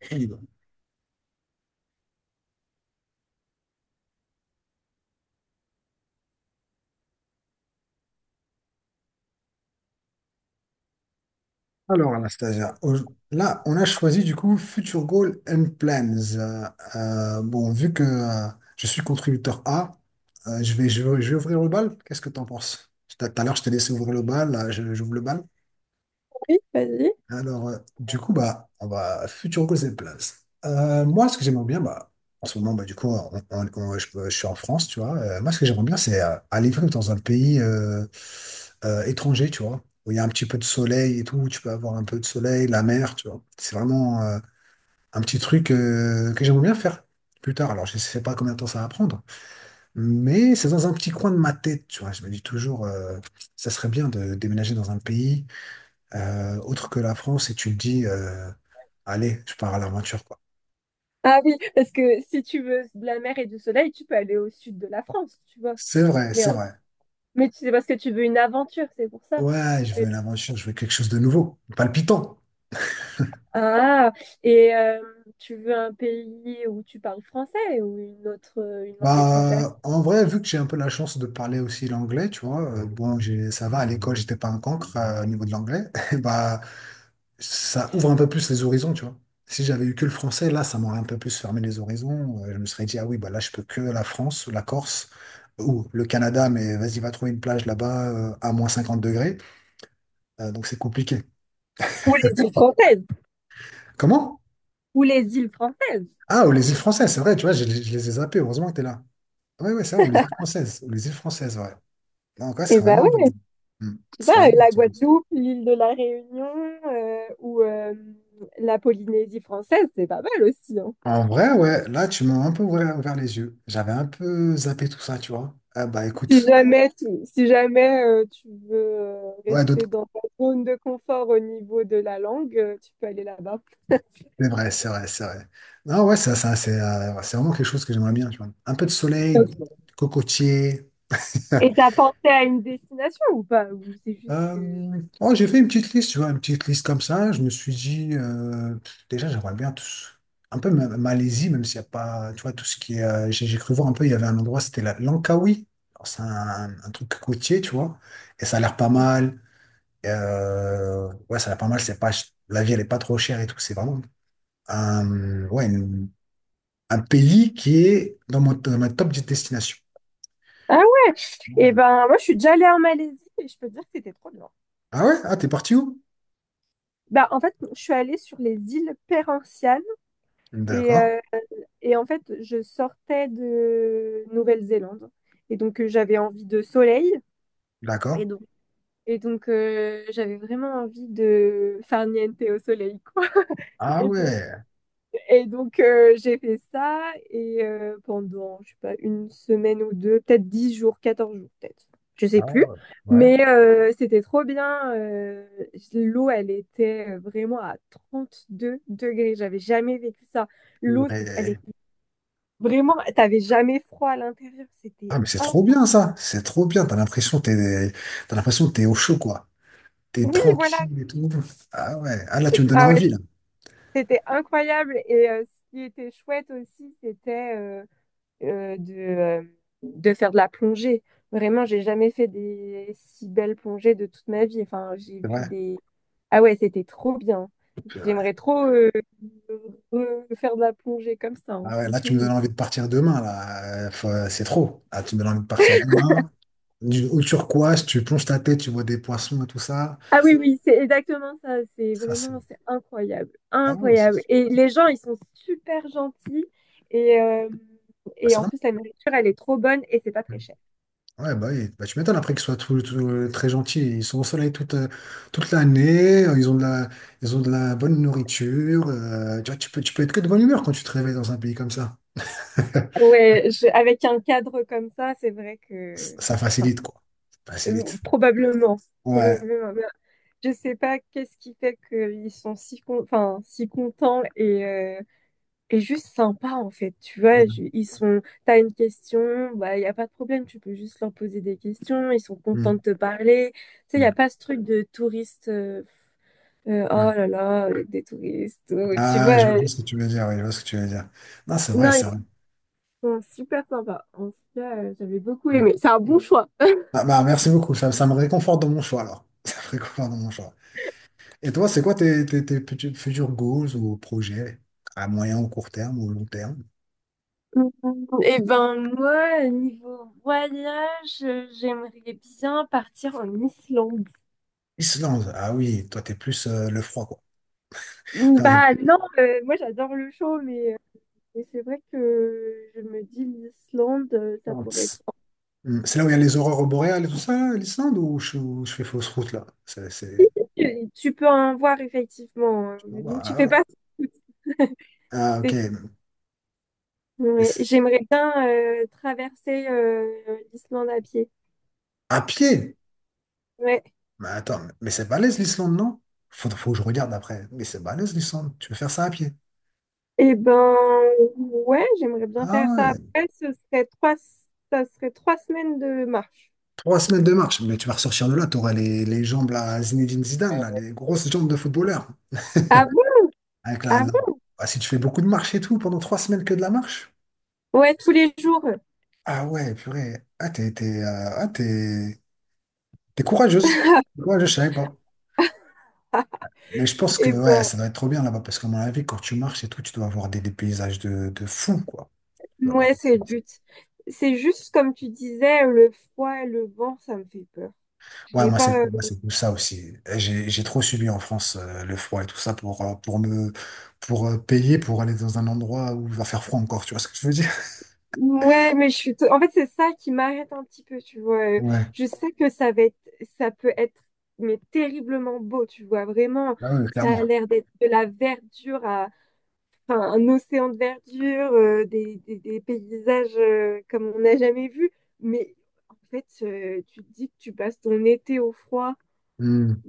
Eh ben, Alors, Anastasia, là, on a choisi du coup Future Goal and Plans. Bon, vu que je suis contributeur A, je vais ouvrir le bal. Qu'est-ce que tu en penses? Tout à l'heure, je t'ai laissé ouvrir le bal. Là, j'ouvre le bal. Oui, vas-y. Alors, du coup, bah, on va futur goal cette place. Moi, ce que j'aimerais bien, en ce moment, bah, du coup, je suis en France, tu vois. Moi, ce que j'aimerais bien, c'est aller vivre dans un pays étranger, tu vois, où il y a un petit peu de soleil et tout, où tu peux avoir un peu de soleil, la mer, tu vois. C'est vraiment un petit truc que j'aimerais bien faire plus tard. Alors, je sais pas combien de temps ça va prendre, mais c'est dans un petit coin de ma tête, tu vois. Je me dis toujours, ça serait bien de déménager dans un pays autre que la France et tu te dis, allez, je pars à l'aventure, quoi. Ah oui, parce que si tu veux de la mer et du soleil, tu peux aller au sud de la France, tu vois. C'est vrai, Mais, c'est en- vrai. mais c'est parce que tu veux une aventure, c'est pour ça. Ouais, je Mais- veux l'aventure, je veux quelque chose de nouveau, palpitant. Ah, et tu veux un pays où tu parles français ou une autre, une langue étrangère? Bah, en vrai, vu que j'ai un peu la chance de parler aussi l'anglais, tu vois, bon, ça va, à l'école, j'étais pas un cancre au niveau de l'anglais, bah, ça ouvre un peu plus les horizons, tu vois. Si j'avais eu que le français, là, ça m'aurait un peu plus fermé les horizons. Je me serais dit, ah oui, bah là, je peux que la France, la Corse ou le Canada, mais vas-y, va trouver une plage là-bas à -50 degrés. Donc c'est compliqué. Ou les îles françaises. Comment? Ou les îles françaises. Ah, ou les îles françaises, c'est vrai, tu vois, je les ai zappées, heureusement que t'es là. Ouais, ouais, ça, ou les îles françaises, ou les îles françaises, ouais. Donc ouais, Eh c'est ben vraiment... oui, hmm, tu c'est vois, vraiment un la petit peu... Guadeloupe, l'île de la Réunion, ou la Polynésie française, c'est pas mal aussi, hein. En vrai, ouais, là, tu m'as un peu ouvert les yeux. J'avais un peu zappé tout ça, tu vois. Ah bah Si écoute, jamais, tu, si jamais euh, tu veux ouais, rester d'autres... dans ta zone de confort au niveau de la langue, tu peux aller là-bas. C'est vrai, c'est vrai, c'est vrai. Non, ouais, ça, c'est ouais, c'est vraiment quelque chose que j'aimerais bien, tu vois. Un peu de soleil, Ok. cocotier. Et t'as pensé à une destination ou pas? Ou c'est juste que... Oh, j'ai fait une petite liste, tu vois, une petite liste comme ça. Je me suis dit, pff, déjà, j'aimerais bien un peu Malaisie, même s'il n'y a pas, tu vois, tout ce qui est. J'ai cru voir un peu, il y avait un endroit, c'était la Langkawi. Alors, c'est un truc côtier, tu vois, et ça a l'air pas mal. Ouais, ça a l'air pas mal. C'est pas, ch- La vie, elle est pas trop chère et tout. C'est vraiment un, ouais, une- un pays qui est dans dans ma top des destinations. Ah ouais? Et Ouais. ben moi, je suis déjà allée en Malaisie et je peux te dire que c'était trop bien. Ah ouais? Ah, t'es parti où? Bah en fait, je suis allée sur les îles Perhentianes et, D'accord, euh, et en fait, je sortais de Nouvelle-Zélande et donc j'avais envie de soleil. d'accord. Et Et donc, j'avais vraiment envie de faire niente au soleil, quoi. Ah Et, de- ouais. et donc, j'ai fait ça et pendant, je sais pas, une semaine ou deux, peut-être 10 jours, 14 jours, peut-être. Je sais Ah plus. ouais. Ouais. Mais c'était trop bien. L'eau, elle était vraiment à 32 degrés. J'avais jamais vécu ça. L'eau, elle Purée. était vraiment... T'avais jamais froid à l'intérieur. C'était Ah, mais c'est trop incroyable. bien ça, c'est trop bien. T'as l'impression que t'es au chaud quoi. T'es Oui, voilà. tranquille et tout. Ah ouais. Ah là, tu me donnes Ah ouais, envie là. c'était incroyable et ce qui était chouette aussi, c'était euh, de, euh, de faire de la plongée. Vraiment, j'ai jamais fait des si belles plongées de toute ma vie. Enfin, j'ai C'est vu vrai. des... Ah ouais, c'était trop bien. Purée. J'aimerais trop faire de la plongée comme ça, hein, Ah ouais, là, tu me donnes franchement. envie de partir demain là. C'est trop. Là, tu me donnes envie de partir demain. Du, au turquoise, tu plonges ta tête, tu vois des poissons et tout ça. Ah oui, oui, c'est exactement ça. C'est Ça c'est. vraiment, c'est incroyable. Ah ouais, c'est. Incroyable. Et les gens, ils sont super gentils. Et, euh, Bah, et c'est en vraiment. plus, la nourriture, elle est trop bonne et c'est pas très cher. Ouais, bah oui, bah, tu m'étonnes après qu'ils soient tout, tout, très gentils. Ils sont au soleil toute, toute l'année, ils ont de la bonne nourriture. Tu vois, tu peux être que de bonne humeur quand tu te réveilles dans un pays comme ça. Ouais, avec un cadre comme ça, c'est vrai que, Ça enfin, facilite, quoi. Ça facilite. probablement, Ouais. probablement. Mais je sais pas qu'est-ce qui fait qu'ils sont si con- enfin si contents et juste sympas en fait. Tu vois, Ouais. Ils sont. T'as une question, bah y a pas de problème, tu peux juste leur poser des questions. Ils sont contents Mm. de te parler. Tu sais, y a Mm. pas ce truc de touriste, Ouais. oh là là, avec des touristes. Tu Ah, je vois vois. Juste ce que tu veux dire, oui, je vois ce que tu veux dire. Non, c'est vrai, Non, ils c'est vrai. sont super sympas. En tout cas, j'avais beaucoup Mm. aimé. C'est un bon choix. Ah, bah, merci beaucoup, ça me réconforte dans mon choix, alors. Ça me réconforte dans mon choix. Et toi, c'est quoi tes petits- futurs goals ou projets à moyen ou court terme ou long terme? Et ben moi, niveau voyage, j'aimerais bien partir en Islande. Islande, ah oui, toi t'es plus le froid quoi. Putain, t'es- Bah non, moi j'adore le chaud, mais c'est vrai que je me dis l'Islande, ça non, pourrait être tss. sympa. Hmm, c'est là où il y a les aurores boréales et tout ça, là, l'Islande, ou je fais fausse route là? Et tu peux en voir effectivement, hein. Je peux voir, Tu ah fais oui. pas tout. Ah ok. C'est- Mais c'est- j'aimerais bien traverser l'Islande à pied. à pied? Ouais. Mais attends, mais c'est balèze l'Islande, non? Faut que je regarde après. Mais c'est balèze l'Islande, tu veux faire ça à pied? Et ben ouais, j'aimerais bien faire Ah ça. ouais, Après, ça serait 3 semaines de marche. 3 semaines de marche, mais tu vas ressortir de là, les jambes là, Zinedine Zidane, là, les grosses jambes de footballeur. ah Avec la, Ah la- bon? Ah, si tu fais beaucoup de marche et tout, pendant 3 semaines que de la marche. Ouais, tous les jours. Ah ouais, purée. Ah, t'es courageuse. T'es courageuse, je savais pas. Mais je pense que Et ouais, ben, ça doit être trop bien là-bas parce qu'à mon avis, quand tu marches et tout, tu dois avoir des paysages de fou, quoi. Tu dois avoir ouais, des c'est le paysages. but. C'est juste comme tu disais, le froid et le vent, ça me fait peur. Ouais, J'ai pas. moi, c'est tout ça aussi. J'ai trop subi en France le froid et tout ça pour me pour payer pour aller dans un endroit où il va faire froid encore, tu vois ce que je veux dire? En fait, c'est ça qui m'arrête un petit peu, tu vois. Ouais, Je sais que ça va être, ça peut être, mais terriblement beau, tu vois. Vraiment, ah ouais, ça a clairement. l'air d'être de la verdure à, enfin, un océan de verdure, des paysages comme on n'a jamais vu. Mais en fait, tu te dis que tu passes ton été au froid. Hmm.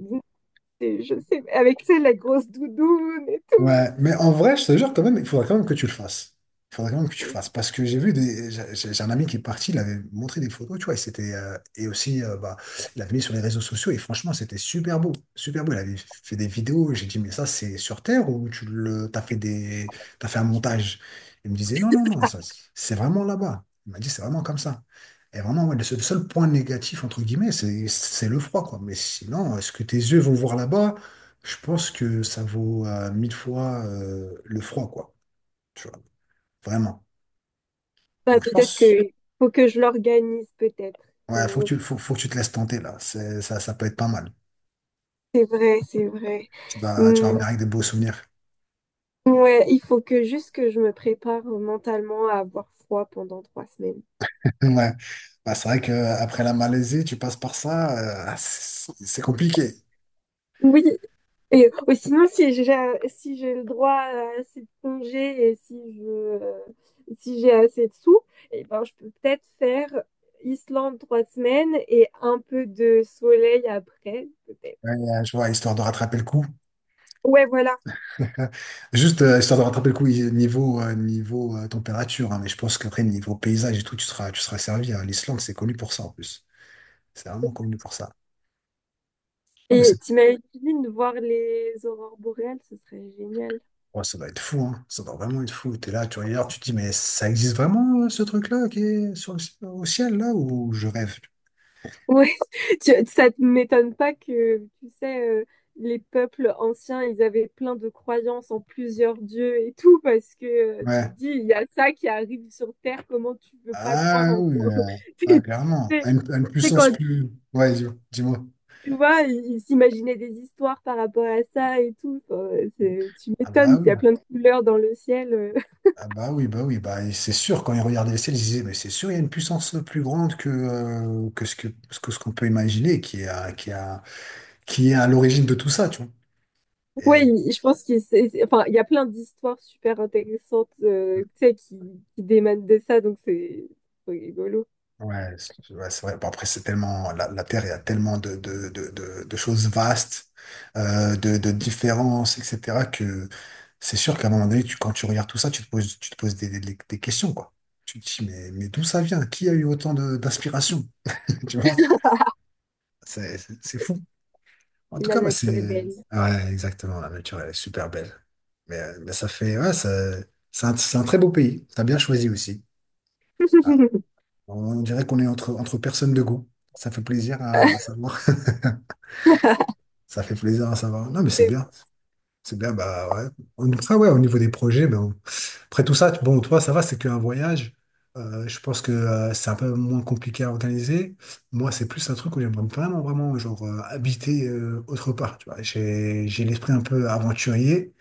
Et je sais, avec, tu sais, la grosse doudoune et Ouais, tout. mais en vrai, je te jure quand même, il faudrait quand même que tu le fasses. Il faudrait quand même que tu le fasses. Parce que j'ai vu des. J'ai un ami qui est parti, il avait montré des photos, tu vois, et c'était. Et aussi, bah, il l'avait mis sur les réseaux sociaux, et franchement, c'était super beau. Super beau. Il avait fait des vidéos, et j'ai dit, mais ça, c'est sur Terre ou t'as fait t'as fait un montage? Il me disait, non, non, non, ça, c'est vraiment là-bas. Il m'a dit, c'est vraiment comme ça. Et vraiment, ouais, le seul point négatif, entre guillemets, c'est le froid, quoi. Mais sinon, est-ce que tes yeux vont voir là-bas? Je pense que ça vaut 1000 fois le froid, quoi. Tu vois, vraiment. Bah, Donc je peut-être pense, que faut que je l'organise, peut-être. ouais, Faut- faut que tu te laisses tenter là. Ça peut être pas mal. C'est vrai, c'est vrai. Tu vas Hmm, revenir avec des beaux souvenirs. ouais, il faut que juste que je me prépare mentalement à avoir froid pendant 3 semaines. Ouais. Bah, c'est vrai que après la Malaisie, tu passes par ça, c'est compliqué. Oui, et ou sinon si j'ai le droit à assez de congés et si j'ai assez de sous, et ben je peux peut-être faire Islande 3 semaines et un peu de soleil après, peut-être. Ouais, je vois, histoire de rattraper le coup. Ouais, voilà. Euh, Juste, histoire de rattraper le coup, niveau, température, hein, mais je pense qu'après, niveau paysage et tout, tu seras servi. Hein. L'Islande, c'est connu pour ça en plus. C'est vraiment connu pour ça. Ah, mais Et c'est, t'imagines voir les aurores boréales, ce serait génial. ouais, ça doit être fou, hein. Ça doit vraiment être fou. T'es là, tu regardes, tu te dis, mais ça existe vraiment, ce truc-là, qui est sur le, au ciel, là, ou je rêve? Ouais, ça ne m'étonne pas que, tu sais, les peuples anciens, ils avaient plein de croyances en plusieurs dieux et tout, parce que tu te Ouais. dis, il y a ça qui arrive sur Terre, comment tu peux pas croire Ah en oui, toi? Ah, C'est clairement. c'est- À une c'est quand, puissance plus. Ouais, dis-moi. tu vois, ils s'imaginaient des histoires par rapport à ça et tout. Enfin, tu Ah bah m'étonnes, il y a oui. plein de couleurs dans le ciel. Ah bah oui, bah oui, bah et c'est sûr, quand ils regardaient le ciel, ils se disaient, mais c'est sûr, il y a une puissance plus grande que, ce qu'on peut imaginer, qui est à l'origine de tout ça, tu vois. Et Oui, je pense enfin, il y a plein d'histoires super intéressantes tu sais, qui démanent de ça, donc c'est rigolo. ouais, c'est vrai. Bon, après, c'est tellement, la Terre, il y a tellement de choses vastes, de différences, etc., que c'est sûr qu'à un moment donné, tu, quand tu regardes tout ça, tu te poses des questions, quoi. Tu te dis, mais d'où ça vient? Qui a eu d'inspiration? Tu vois? C'est fou. En tout La cas, bah nature est c'est. belle. Ouais, exactement, la nature, elle est super belle. Mais ça fait. C'est un, c'est un très beau pays. T'as bien choisi aussi. Ah, on dirait qu'on est entre, entre personnes de goût. Ça fait plaisir à savoir. Ça fait plaisir à savoir. Non, mais c'est C'est bien. C'est bien, bah ouais. Après, ouais, au niveau des projets, ben, après tout ça, bon, toi, ça va, c'est qu'un voyage. Je pense que c'est un peu moins compliqué à organiser. Moi, c'est plus un truc où j'aimerais vraiment, genre, habiter autre part. Tu vois, j'ai l'esprit un peu aventurier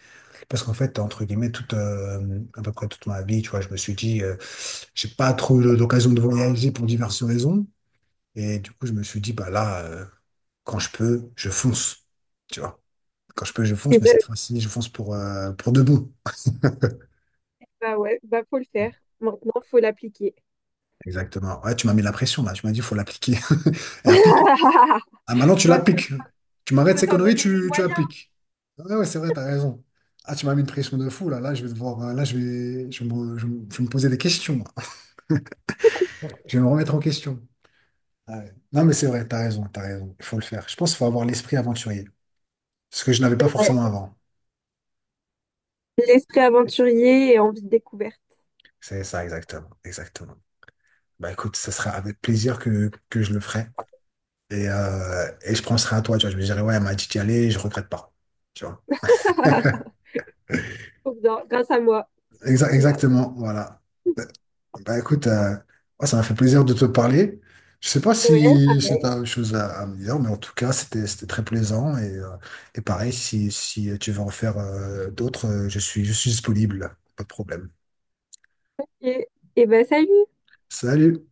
parce qu'en fait, entre guillemets, toute, à peu près toute ma vie, tu vois, je me suis dit, j'ai pas trop eu l'occasion de voyager pour diverses raisons. Et du coup, je me suis dit, bah là, quand je peux, je fonce. Tu vois, quand je peux, je c'est fonce, mais cette vrai. fois-ci, je fonce pour de bon. Bah ouais, bah faut le faire. Maintenant, faut l'appliquer. Exactement. Ouais, tu m'as mis la pression là. Tu m'as dit, il faut l'appliquer. Et applique. Ah, maintenant, tu Bah l'appliques. Tu m'arrêtes faut ces s'en conneries, donner les tu moyens. appliques. Ouais, c'est vrai, t'as raison. Ah, tu m'as mis une pression de fou là. Là, je vais devoir. Là, je vais me poser des questions. Je vais me remettre en question. Ah ouais. Non, mais c'est vrai, t'as raison, t'as raison. Il faut le faire. Je pense qu'il faut avoir l'esprit aventurier. Ce que je n'avais pas Ouais. forcément avant. L'esprit aventurier et envie de découverte. C'est ça, exactement. Exactement. Bah écoute, ce sera avec plaisir que je le ferai. Et je penserai à toi, tu vois. Je me dirai, ouais, elle m'a dit d'y aller, je regrette pas. Tu vois. Trop bien, grâce à moi. Waouh. Exactement, voilà. Bah, Bah, écoute, ouais, ça m'a fait plaisir de te parler. Je sais pas Ouais, si pareil. tu as autre chose à me dire, mais en tout cas, c'était très plaisant. Et pareil, si tu veux en faire d'autres, je suis disponible, pas de problème. Et, et bah, salut. Salut!